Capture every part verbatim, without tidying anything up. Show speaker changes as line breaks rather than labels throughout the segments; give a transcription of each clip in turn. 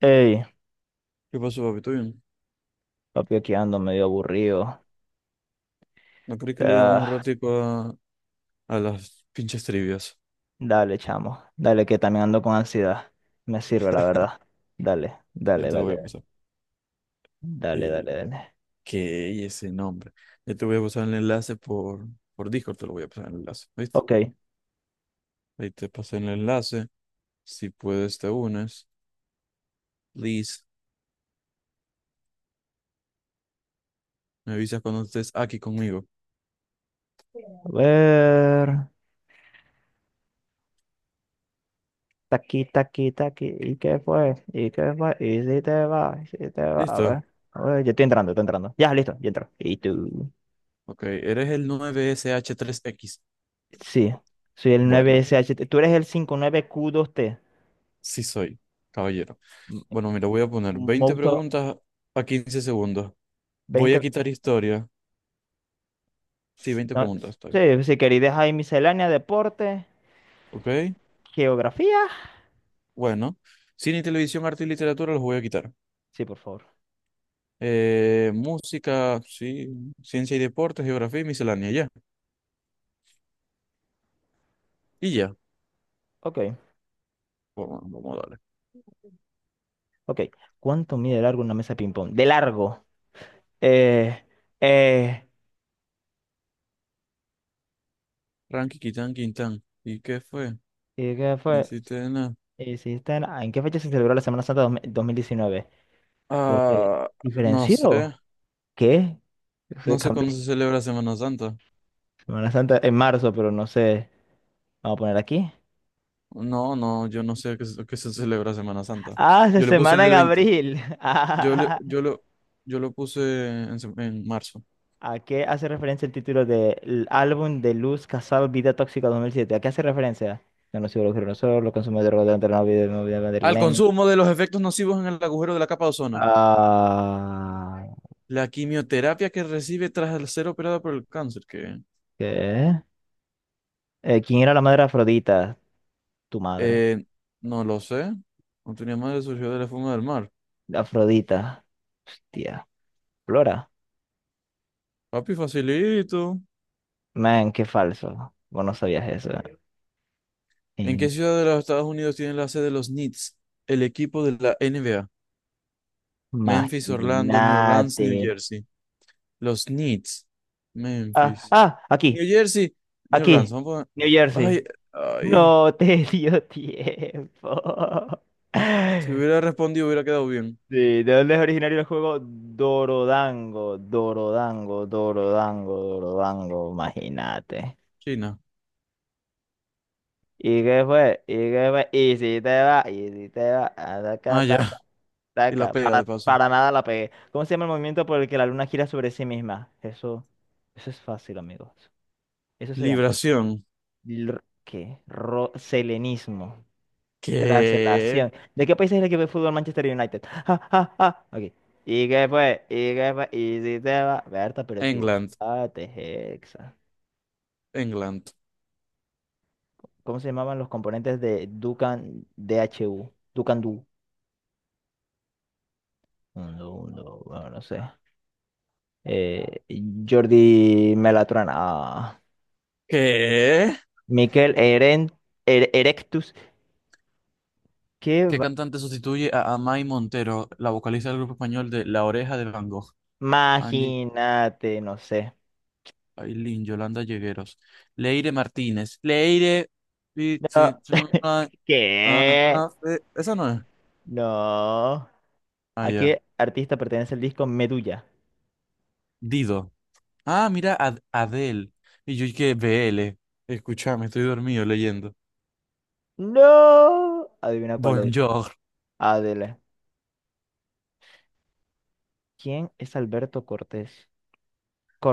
Ey,
¿Qué pasó, papi? ¿Todo bien?
papi, aquí ando medio aburrido.
¿No crees que le demos un
Ah,
ratico a, a las pinches trivias?
dale, chamo. Dale, que también ando con ansiedad. Me sirve, la verdad. Dale,
Ya
dale,
te lo
dale.
voy a pasar.
Dale, dale,
Eh,
dale.
¿qué es ese nombre? Ya te voy a pasar el enlace por, por Discord, te lo voy a pasar el enlace, ¿viste?
Ok, a
Ahí te pasé el enlace. Si puedes, te unes. Please, me avisas cuando estés aquí conmigo.
ver. Taqui, taqui, taqui. ¿Y qué fue? ¿Y qué fue? ¿Y si te va? ¿Y si te va? A
¿Listo?
ver. A ver, yo estoy entrando, estoy entrando. Ya, listo, ya entro. ¿Y tú?
Ok, eres el nueve S H tres x.
Sí, soy el
Bueno,
nueve S H. Tú eres el cinco nueve Q dos T.
sí soy, caballero.
M-
Bueno, mira, voy a poner veinte
Moto
preguntas a quince segundos. Voy a
veinte.
quitar historia. Sí, veinte
No,
preguntas, está bien.
sí, sí, querida, ahí miscelánea, deporte.
Ok,
¿Geografía?
bueno. Cine y televisión, arte y literatura los voy a quitar.
Sí, por favor.
Eh, música, sí, ciencia y deportes, geografía y miscelánea, ya. Y ya.
Ok,
Vamos, vamos a darle.
ok. ¿Cuánto mide de largo una mesa de ping-pong? De largo. Eh, eh,
Ranky, quitán, quintán. ¿Y qué fue?
¿y ¿Qué
No
fue?
hiciste nada.
Eh, si está en, ah, ¿en qué fecha se celebró la Semana Santa dos- mil- dos mil diecinueve? Porque
Ah, no
diferenció.
sé.
¿Qué? Se
No sé
cambió.
cuándo se celebra Semana Santa.
Semana Santa en marzo, pero no sé. Vamos a poner aquí.
No, no, yo no sé qué, se- qué se celebra Semana Santa.
Ah, se
Yo le puse
semana en
del veinte.
abril.
Yo le, yo lo, yo lo puse en, se- en marzo.
¿A qué hace referencia el título del álbum de Luz Casal Vida Tóxica dos mil siete? ¿A qué hace referencia? No, no soy los nosotros, los consumidores rodeantes de la vida de movida
Al
madrileña.
consumo de los efectos nocivos en el agujero de la capa de ozono.
Ah,
La quimioterapia que recibe tras ser operada por el cáncer, que
¿qué? Eh, ¿quién era la madre de Afrodita? Tu madre.
eh, no lo sé. No tenía madre, surgió de la fuma del mar.
Afrodita. Hostia. Flora.
Papi, facilito.
Man, qué falso. Vos no sabías eso.
¿En qué ciudad de los Estados Unidos tiene la sede de los Knicks, el equipo de la N B A? Memphis, Orlando, New Orleans,
Imagínate.
New Jersey. Los Knicks.
Ah,
Memphis.
ah, aquí,
New Jersey, New Orleans.
aquí.
Vamos a...
New
poner- Ay,
Jersey.
ay.
No te dio tiempo.
Si hubiera respondido, hubiera quedado bien.
Sí, ¿de dónde es originario el juego? Dorodango, Dorodango, Dorodango, Dorodango, imagínate.
China.
¿Y qué fue? ¿Y qué fue? ¿Y si te va? ¿Y si te va? Ataca,
Ah,
ataca,
ya. Y la
ataca.
pega
Para,
de paso.
para nada la pegué. ¿Cómo se llama el movimiento por el que la luna gira sobre sí misma? Eso, eso es fácil, amigos. Eso se llama.
Libración.
l- ¿Qué? Ro- selenismo. Tras la
¿Qué?
acción. ¿De qué país es el equipo de fútbol Manchester United? Ja, ja, ja. Ok. ¿Y qué fue? ¿Y qué fue? ¿Y si te va? Berta, pero
England.
equivocate, Hexa.
England.
¿Cómo se llamaban los componentes de Dukan D H U Dukan Du? No, no, bueno, no sé. Eh, Jordi Melatrana. Ah.
¿Qué?
Miquel Eren, Er- Erectus. ¿Qué?
¿Qué
va-
cantante sustituye a Amai Montero, la vocalista del grupo español de La Oreja de Van Gogh? Angie
Imagínate, no sé.
Ailín, Yolanda Llegueros, Leire Martínez, Leire...
No.
Pichi- Chuma- Ah,
¿Qué?
ah, eh, Esa no es.
No.
Ah,
¿A
ya.
qué artista pertenece el disco Medulla?
Dido. Ah, mira, Ad- Adele. Y yo que B L. Escúchame, estoy dormido leyendo.
No. Adivina cuál es.
Bonjour.
Adele. ¿Quién es Alberto Cortés?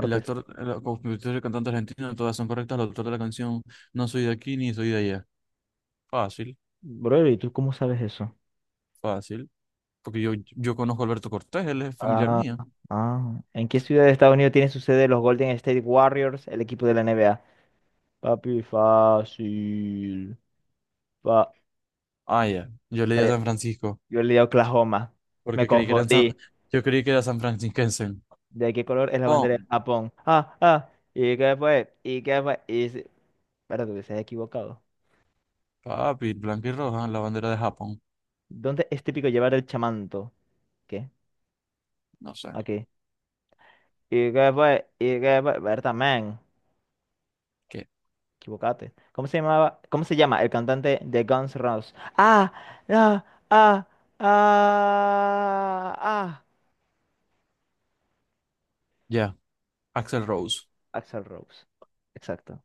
El actor, el compositor y el cantante argentino, todas son correctas. El autor de la canción, no soy de aquí ni soy de allá. Fácil,
Bro, ¿y tú cómo sabes eso?
fácil. Porque yo, yo conozco a Alberto Cortés, él es familiar
Ah,
mío.
ah. ¿En qué ciudad de Estados Unidos tiene su sede los Golden State Warriors, el equipo de la N B A? Papi, fácil. Fa-
Ah, ya. Yo leí a
eh,
San Francisco,
Yo leí Oklahoma. Me
porque creí que eran San-
confundí.
yo creí que era San Francisquense.
¿De qué color es la bandera de
Pon,
Japón? Ah, ah. ¿Y qué fue? ¿Y qué fue? Y... se- Espérate, que se ha equivocado.
papi, blanca y roja, la bandera de Japón.
¿Dónde es típico llevar el chamanto? ¿Qué?
No sé.
Aquí. Y que fue, y que fue, Berta, man,
¿Qué?
equivocate. ¿Cómo se llamaba? ¿Cómo se llama el cantante de Guns N' Roses? Ah, ah, ah, ah, ah.
Ya. Axel Rose.
Axl Rose. Exacto.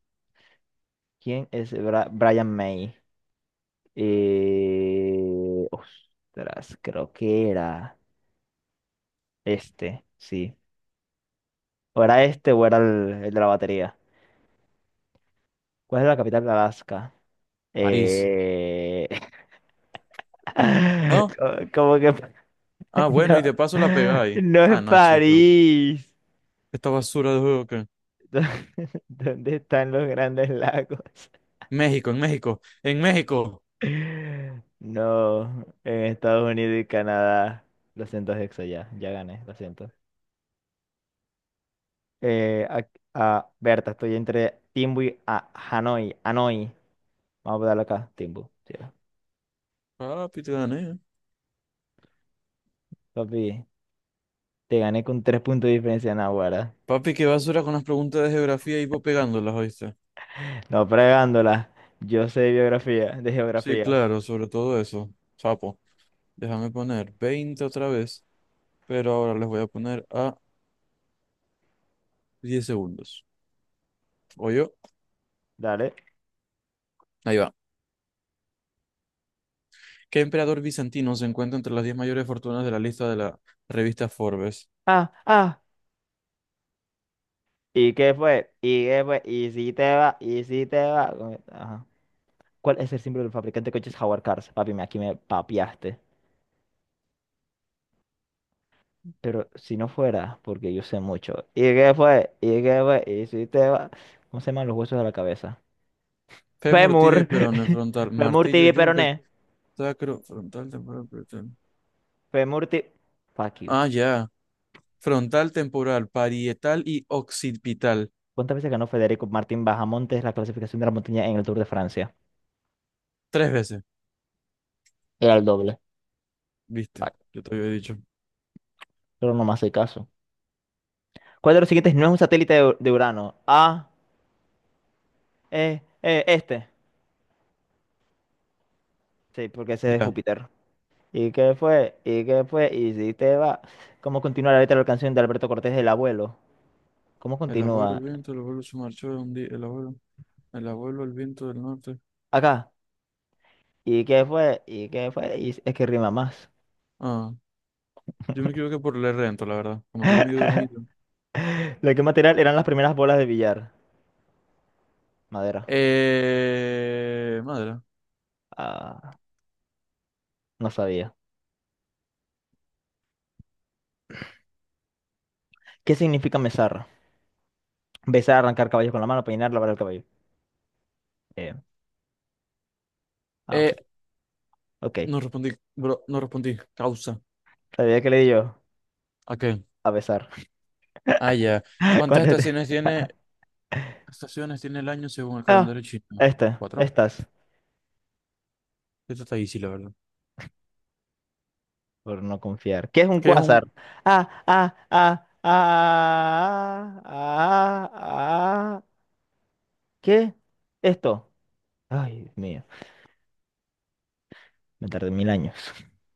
¿Quién es Bra- Brian May? Eh, ostras, creo que era este, sí. O era este o era el, el de la batería. ¿Cuál es la capital de Alaska?
París.
Eh...
¿No?
Como que
Ah, bueno, y
No,
de paso la pegáis.
no
Ah,
es
no, chico.
París.
Esta basura de juego, que.
¿Dó- ¿Dónde están los grandes lagos?
México, en México, en México.
No, en Estados Unidos y Canadá. Lo siento, Hexo, ya, ya gané, lo siento. Eh, a, a- Berta, estoy entre Timbu y a- Hanoi. Hanoi. Vamos a darlo acá, Timbu. Sí. Va.
Papi, te gané.
Papi, te gané con tres puntos de diferencia, Nahuara.
Papi, qué basura con las preguntas de geografía, y vos pegándolas, ¿oíste?
No fregándola. Yo sé biografía, de
Sí,
geografía.
claro, sobre todo eso. Sapo. Déjame poner veinte otra vez, pero ahora les voy a poner a diez segundos. ¿Yo?
Dale.
Ahí va. ¿Qué emperador bizantino se encuentra entre las diez mayores fortunas de la lista de la revista Forbes?
Ah, ah. ¿Y qué fue? ¿Y qué fue? ¿Y si te va? ¿Y si te va? Como- Ajá. ¿Cuál es el símbolo del fabricante de coches Jaguar Cars? Papi, me- aquí me papiaste. Pero si no fuera, porque yo sé mucho. ¿Y qué fue? ¿Y qué fue? ¿Y si te va? ¿Cómo se llaman los huesos de la cabeza?
Fémur, tibia y
Femur.
perone, frontal,
Femur
martillo,
tibia y
yunque,
peroné.
sacro, frontal, temporal, parietal.
Femur tibia... Fuck you.
Ah, ya. Frontal, temporal, parietal y occipital.
¿Cuántas veces ganó Federico Martín Bajamontes la clasificación de la montaña en el Tour de Francia?
Tres veces.
Era el doble.
¿Viste?
Fuck.
Yo te había dicho.
Pero no me hace caso. ¿Cuál de los siguientes no es un satélite de, de Urano? A, E, E, este. Sí, porque ese es
Ya.
Júpiter. ¿Y qué fue? ¿Y qué fue? ¿Y si te va? ¿Cómo continúa la letra de la canción de Alberto Cortés, El Abuelo? ¿Cómo
El abuelo, el
continúa?
viento, el abuelo se marchó de un día. El abuelo, el abuelo, el viento del norte.
Acá. ¿Y qué fue? ¿Y qué fue? Y es que rima más.
Ah, yo me equivoqué por leer lento, la verdad. Como estoy medio dormido.
¿De qué material eran las primeras bolas de billar? Madera.
Eh, madre.
Ah, no sabía. ¿Qué significa mesar? Besar, arrancar caballos con la mano, peinar, lavar el cabello. Eh, ah, ok.
Eh,
Ok.
no respondí, bro, no respondí. Causa.
¿Sabía qué le di yo?
¿A qué?
A besar.
Ah, ya. ¿Cuántas
¿Cuál es?
estaciones tiene, estaciones tiene el año según el
Ah,
calendario chino?
este.
¿Cuatro?
Estas.
Esto está easy, la verdad.
Por no confiar. ¿Qué es un
¿Qué es un...?
cuásar? Ah, ah, ah, ah, ah, ah, ah. ¿Qué? ¿Esto? Ay, Dios mío. Me tardé mil años.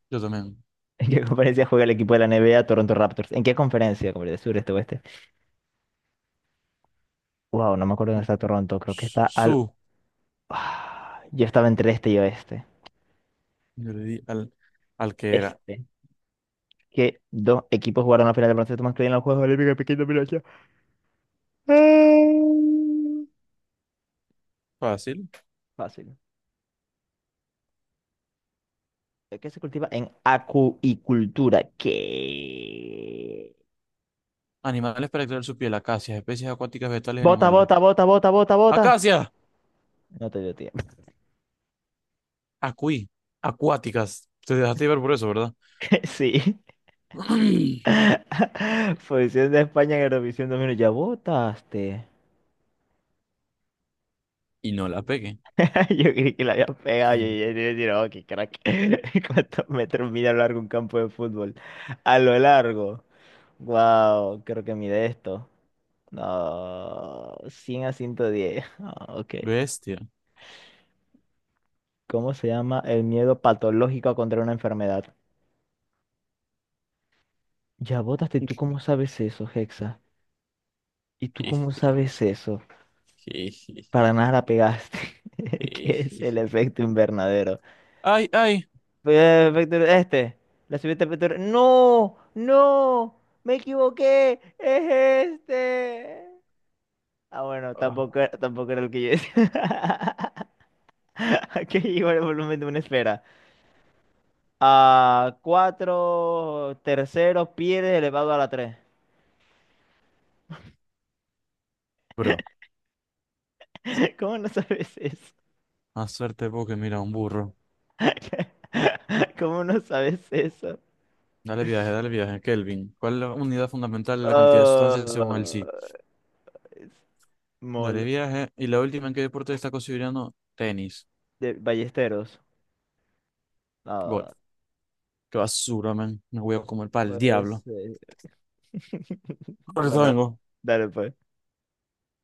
Yo también.
¿En qué conferencia juega el equipo de la N B A Toronto Raptors? ¿En qué conferencia? ¿Como de sur, este, oeste? Wow, no me acuerdo dónde
Oh,
está Toronto. Creo que está al...
Su.
Ah, yo estaba entre este y oeste.
Yo le di al, al que era.
Este. Que dos equipos jugaron la final de baloncesto masculino en los Juegos Olímpicos de Pekín dos mil ocho. Ah.
Fácil.
Fácil. Que se cultiva en acuicultura. ¿Qué?
Animales para extraer su piel. Acacias. Especies acuáticas, vegetales y
Bota,
animales.
bota, bota, bota, bota, bota.
¡Acacias!
No te dio tiempo.
Acuí. Acuáticas. Te dejaste ver por eso, ¿verdad?
Sí. Posición de España en Eurovisión dos mil. Ya votaste.
Y no la pegué.
Yo creí que la había pegado. Yo
Mm.
ya te iba a decir, oh, qué crack. ¿Cuántos metros mide a lo largo un campo de fútbol? A lo largo. Wow, creo que mide esto. No, Cien a ciento diez. Ah, ok.
Bestia.
¿Cómo se llama el miedo patológico a contraer una enfermedad? Ya votaste, ¿tú cómo sabes eso, Hexa? ¿Y tú cómo sabes eso? Para nada la pegaste. ¿Qué es el efecto invernadero?
Ay, ay.
Eh, Efecto este. La subida de ¡No! ¡No! ¡Me equivoqué! ¡Es este! Ah, bueno,
Ah,
tampoco, era- tampoco era el que yo decía. Que igual el volumen de una esfera. A cuatro terceros pies elevado a la tres.
bro,
¿Cómo no sabes eso?
más suerte porque mira, un burro.
¿Cómo no sabes eso?
Dale viaje, dale viaje, Kelvin. ¿Cuál es la unidad fundamental de la cantidad de sustancias según el sí?
Ah, es
Dale
Mol
viaje. Y la última, ¿en qué deporte está considerando? Tenis.
de Ballesteros.
Golf.
Ah,
Qué basura, man. Me voy a comer para el
pues.
diablo.
eh,
Ahorita
Bueno,
vengo.
dale pues.